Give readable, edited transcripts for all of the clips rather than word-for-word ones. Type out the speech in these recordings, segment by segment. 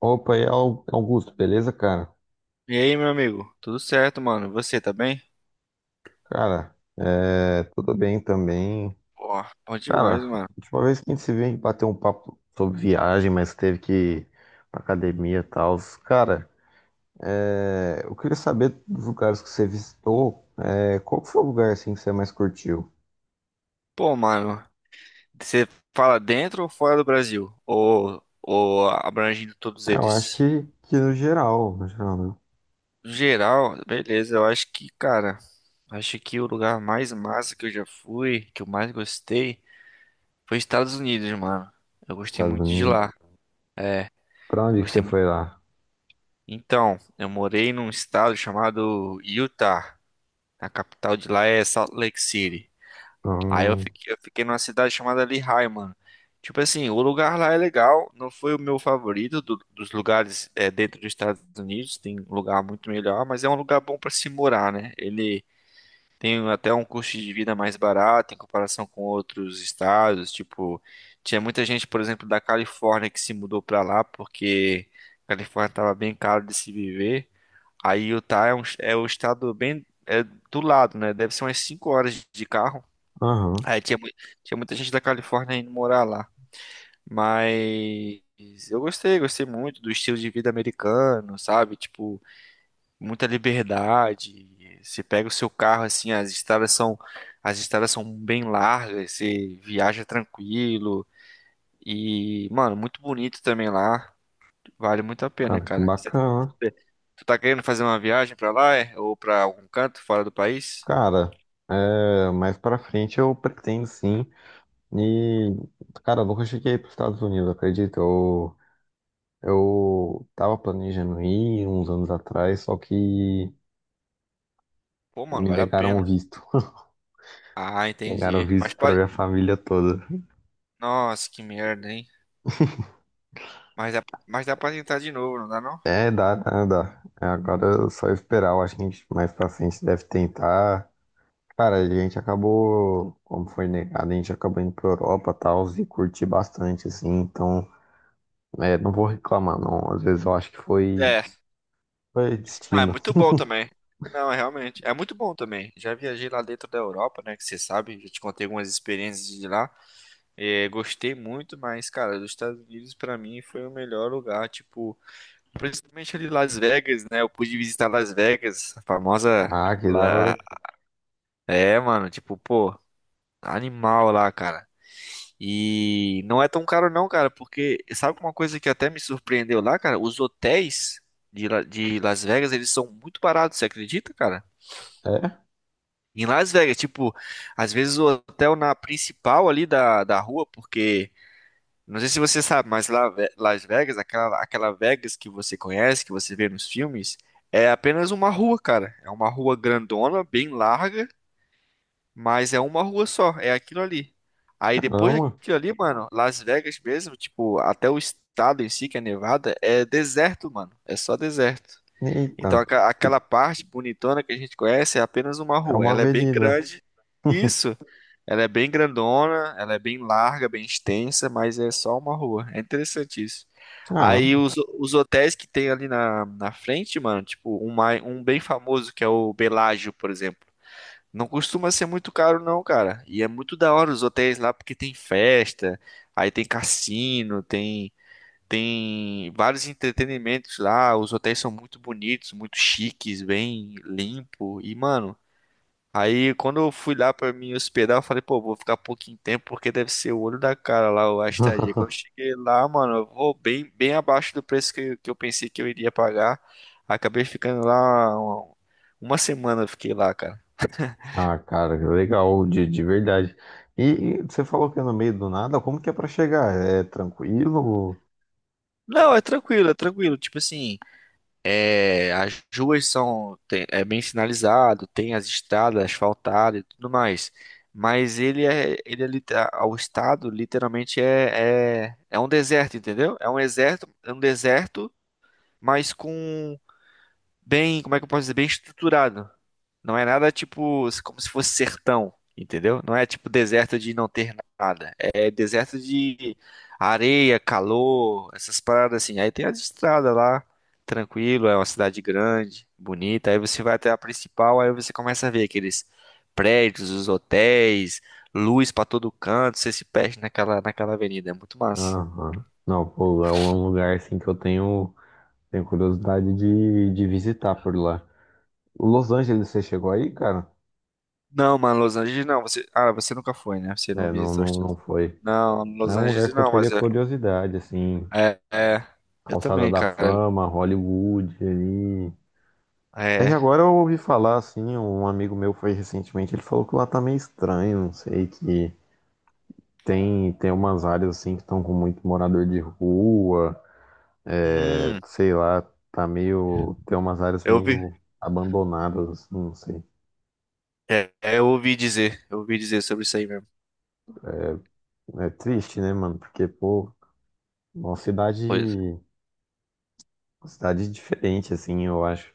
Opa, e aí, Augusto, beleza, cara? E aí, meu amigo? Tudo certo, mano? E você tá bem? Cara, tudo bem também. Pô, bom Cara, demais, a mano. última vez que a gente se viu, a gente bateu um papo sobre viagem, mas teve que ir pra academia e tal. Cara, eu queria saber dos lugares que você visitou, é, qual que foi o lugar assim que você mais curtiu? Pô, mano, você fala dentro ou fora do Brasil? Ou abrangindo todos É, eu acho eles? que no geral, no geral, né? No geral, beleza, eu acho que, cara, acho que o lugar mais massa que eu já fui, que eu mais gostei, foi Estados Unidos, mano. Eu gostei Estados muito de lá. Unidos. Pra onde que você Gostei muito. foi lá? Então, eu morei num estado chamado Utah. A capital de lá é Salt Lake City. Aí eu Hum. fiquei, eu fiquei numa cidade chamada Lehigh, mano. Tipo assim, o lugar lá é legal, não foi o meu favorito dos lugares dentro dos Estados Unidos, tem lugar muito melhor, mas é um lugar bom pra se morar, né? Ele tem até um custo de vida mais barato em comparação com outros estados, tipo, tinha muita gente, por exemplo, da Califórnia que se mudou pra lá porque a Califórnia tava bem caro de se viver. Aí Utah é é um estado bem do lado, né? Deve ser umas 5 horas de carro. Aham. Aí tinha, mui- Tinha muita gente da Califórnia indo morar lá. Mas eu gostei, gostei muito do estilo de vida americano, sabe? Tipo, muita liberdade. Você pega o seu carro assim, as estradas são, As estradas são bem largas, você viaja tranquilo. E, mano, muito bonito também lá. Vale muito a pena, Cara, que cara. Bacana. você- Tu tá querendo fazer uma viagem pra lá, é? Ou pra algum canto fora do país? Cara, mais pra frente eu pretendo sim. E, cara, eu nunca cheguei para os Estados Unidos, acredito. Eu tava planejando ir uns anos atrás, só que Pô, mano, me vale a negaram o pena. visto. Ah, Negaram o entendi. visto Mas para pode. minha família toda. Nossa, que merda, hein? Mas dá pra tentar de novo, não dá não? É, dá. É, agora é só esperar. Eu acho que a gente mais pra frente deve tentar. Cara, a gente acabou, como foi negado, a gente acabou indo pra Europa e tal, e curti bastante, assim. Então, é, não vou reclamar, não. Às vezes eu acho que É, foi ah, é destino. muito bom também. Não, é realmente, é muito bom também. Já viajei lá dentro da Europa, né, que você sabe, já te contei algumas experiências de lá. É, gostei muito, mas, cara, dos Estados Unidos pra mim foi o melhor lugar, tipo, principalmente ali Las Vegas, né? Eu pude visitar Las Vegas, a famosa Ah, que da lá, hora. é, mano, tipo, pô, animal lá, cara. E não é tão caro não, cara, porque sabe uma coisa que até me surpreendeu lá, cara? Os hotéis de Las Vegas, eles são muito baratos, você acredita, cara? É, Em Las Vegas, tipo, às vezes o hotel na principal ali da rua, porque, não sei se você sabe, mas lá, Las Vegas, aquela Vegas que você conhece, que você vê nos filmes, é apenas uma rua, cara. É uma rua grandona, bem larga, mas é uma rua só, é aquilo ali. Aí depois caramba. daquilo ali, mano, Las Vegas mesmo, tipo, até o estado em si, que é Nevada, é deserto, mano. É só deserto. Eita, Então aquela parte bonitona que a gente conhece é apenas uma é rua. uma Ela é bem avenida. grande. Isso, ela é bem grandona, ela é bem larga, bem extensa, mas é só uma rua. É interessante isso. Caramba. Aí os hotéis que tem ali na frente, mano, tipo, um bem famoso que é o Bellagio, por exemplo. Não costuma ser muito caro, não, cara. E é muito da hora os hotéis lá porque tem festa, aí tem cassino, tem vários entretenimentos lá. Os hotéis são muito bonitos, muito chiques, bem limpo. E, mano, aí quando eu fui lá pra me hospedar, eu falei, pô, vou ficar pouquinho tempo porque deve ser o olho da cara lá a estadia. Quando eu cheguei lá, mano, eu vou bem abaixo do preço que eu pensei que eu iria pagar. Acabei ficando lá 1 semana, eu fiquei lá, cara. Ah, cara, legal, de verdade. E, você falou que é no meio do nada, como que é pra chegar? É tranquilo? Não, é tranquilo, é tranquilo. Tipo assim, é, as ruas são tem- é bem sinalizado, tem as estradas asfaltadas e tudo mais. Mas o estado literalmente é um deserto, entendeu? É um deserto, mas com bem, como é que eu posso dizer, bem estruturado. Não é nada tipo como se fosse sertão, entendeu? Não é tipo deserto de não ter nada. É deserto de areia, calor, essas paradas assim. Aí tem as estradas lá, tranquilo, é uma cidade grande, bonita. Aí você vai até a principal, aí você começa a ver aqueles prédios, os hotéis, luz pra todo canto, você se perde naquela avenida, é muito massa. Aham. Não, pô, é um lugar assim que eu tenho curiosidade de visitar por lá. Los Angeles, você chegou aí, cara? Não, mano, Los Angeles não. Você, ah, você nunca foi, né? Você não É, visitou os Estados não Unidos. foi. Não, É Los um Angeles lugar que eu não, mas teria é. curiosidade, assim, É, é. Eu Calçada também, da cara. Fama, Hollywood ali. É que É. agora eu ouvi falar, assim, um amigo meu foi recentemente, ele falou que lá tá meio estranho, não sei, que tem umas áreas, assim, que estão com muito morador de rua, é, Hum, sei lá, tá meio, tem umas áreas eu ouvi. meio abandonadas, assim, não sei. É, é, eu ouvi dizer. Eu ouvi dizer sobre isso aí mesmo. É triste, né, mano, porque, pô, uma cidade Pois, cidade diferente, assim, eu acho.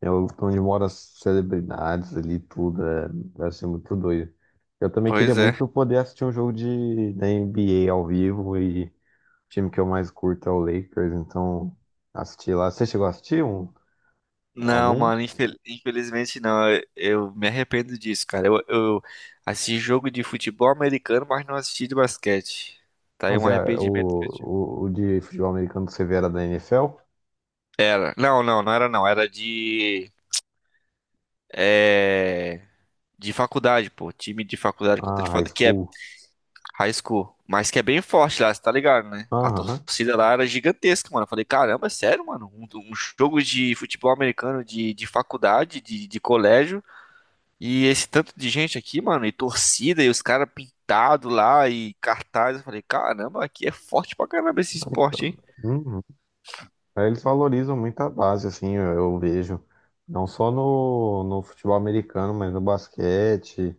É onde moram as celebridades ali, tudo. É, deve ser muito doido. Eu também queria pois é. muito poder assistir um jogo de, da NBA ao vivo, e o time que eu mais curto é o Lakers, então assisti lá. Você chegou a assistir um, Não, algum? mano, infelizmente não. Eu me arrependo disso, cara. Eu assisti jogo de futebol americano, mas não assisti de basquete. Tá aí Mas um é, arrependimento que eu tive. O de futebol americano que você vê era da NFL? Era. Não, não, não era não. Era de. É. De faculdade, pô. Time de faculdade contra de Ah, High faculdade, que é School. high school, mas que é bem forte lá, você tá ligado, né? A Aham. torcida lá era gigantesca, mano. Eu falei, caramba, é sério, mano? Um jogo de futebol americano de faculdade, de colégio, e esse tanto de gente aqui, mano, e torcida, e os caras pintados lá, e cartaz. Eu falei, caramba, aqui é forte pra caramba esse esporte, hein? Então, uhum. É, eles valorizam muito a base, assim, eu vejo. Não só no futebol americano, mas no basquete,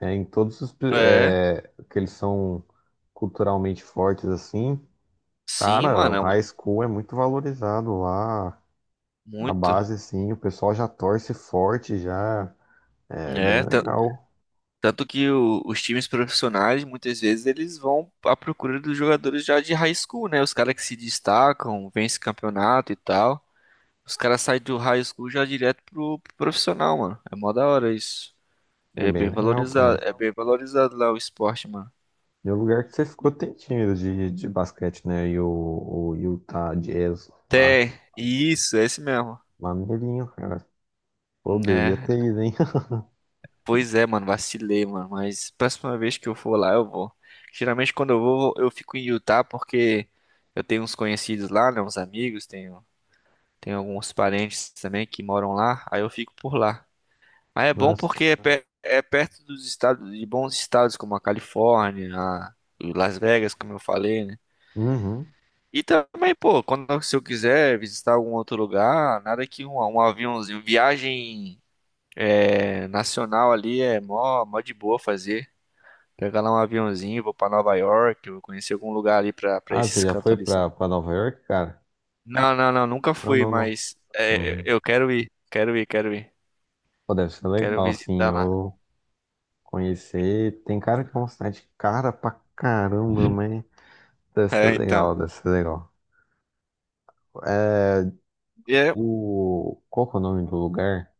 é, em todos os É, é, que eles são culturalmente fortes, assim. sim, Cara, o mano, é high school é muito valorizado lá. A muito. base, sim, o pessoal já torce forte, já. É É, bem tan- legal. Tanto que os times profissionais, muitas vezes, eles vão à procura dos jogadores já de high school, né? Os caras que se destacam, vencem campeonato e tal. Os caras saem do high school já direto pro profissional, mano. É mó da hora isso. É bem legal, cara. É bem valorizado lá o esporte, mano. E o lugar que você ficou tem time de basquete, né? E o Utah Jazz lá. Até, isso, é esse mesmo. Maneirinho, cara. Poderia É, ter ido, hein? pois é, mano, vacilei, mano. Mas próxima vez que eu for lá, eu vou. Geralmente quando eu vou, eu fico em Utah porque eu tenho uns conhecidos lá, né? Uns amigos, tenho tem alguns parentes também que moram lá, aí eu fico por lá. Mas é bom Mas, porque é, é perto dos estados, de bons estados como a Califórnia, a Las Vegas, como eu falei, né? uhum. E também, pô, quando se eu quiser visitar algum outro lugar, nada que um aviãozinho, viagem é, nacional ali é mó de boa fazer. Pegar lá um aviãozinho, vou pra Nova York, vou conhecer algum lugar ali pra Ah, você esses já cantos foi ali, sabe? Pra Nova York, cara? Não, não, não, nunca Não, fui, não, não. mas é, Hum. eu quero ir, quero ir, quero ir, Pô, deve ser quero legal, sim, visitar lá. eu conhecer. Tem cara que é uma cidade cara pra caramba, mas deve ser É, então. legal, deve ser legal. É, E é- o... Qual que é o nome do lugar?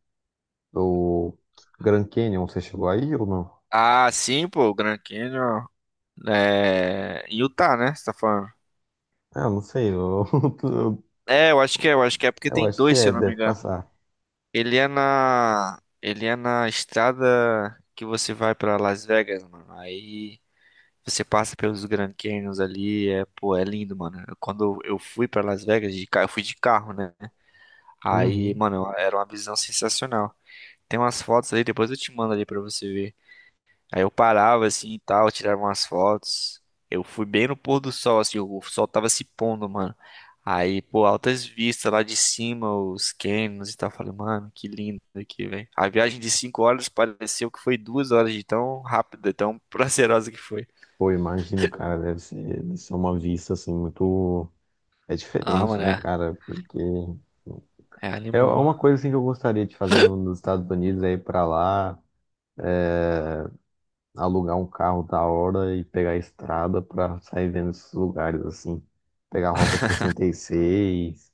O Grand Canyon, você chegou aí ou não? Ah, sim, pô, o Grand Canyon é em Utah, né? Você tá falando? Ah, eu não sei, eu, É, eu acho que é porque eu tem acho que dois, se é, eu não me deve engano. passar. Ele é na estrada que você vai pra Las Vegas, mano. Aí você passa pelos Grand Canyons ali, é, pô, é lindo, mano. Quando eu fui pra Las Vegas de carro, eu fui de carro, né? Aí, Uhum. mano, era uma visão sensacional. Tem umas fotos ali, depois eu te mando ali pra você ver. Aí eu parava assim e tal, tirava umas fotos. Eu fui bem no pôr do sol, assim, o sol tava se pondo, mano. Aí, pô, altas vistas lá de cima, os cânions e tal. Eu falei, mano, que lindo aqui, velho. A viagem de 5 horas pareceu que foi 2 horas de tão rápida, tão prazerosa que foi. Pô, imagino, cara, deve ser uma vista, assim, muito... É Ah, diferente, mano, né, é, cara? Porque... é é uma animal. coisa assim que eu gostaria de fazer nos Estados Unidos, é ir pra lá, alugar um carro da hora e pegar a estrada pra sair vendo esses lugares assim, pegar a Rota 66,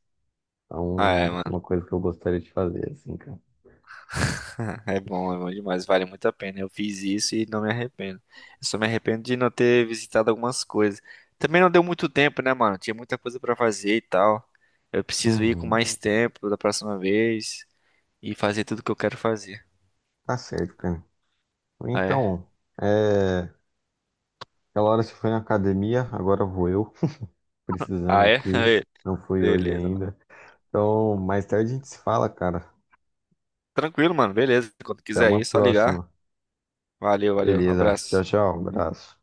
Ah, é, então mano. uma coisa que eu gostaria de fazer assim, cara. É bom demais, vale muito a pena. Eu fiz isso e não me arrependo. Eu só me arrependo de não ter visitado algumas coisas. Também não deu muito tempo, né, mano? Tinha muita coisa pra fazer e tal. Eu preciso ir com Uhum, mais tempo da próxima vez e fazer tudo que eu quero fazer. tá certo, cara. Ah, é? Então, é, aquela hora você foi na academia, agora vou eu, precisando Ah, é? aqui, não fui hoje Beleza, mano. ainda. Então, mais tarde a gente se fala, cara. Tranquilo, mano. Beleza. Quando Até quiser uma ir, é só ligar. próxima. Valeu, valeu. Beleza, tchau, Abraço. tchau, abraço.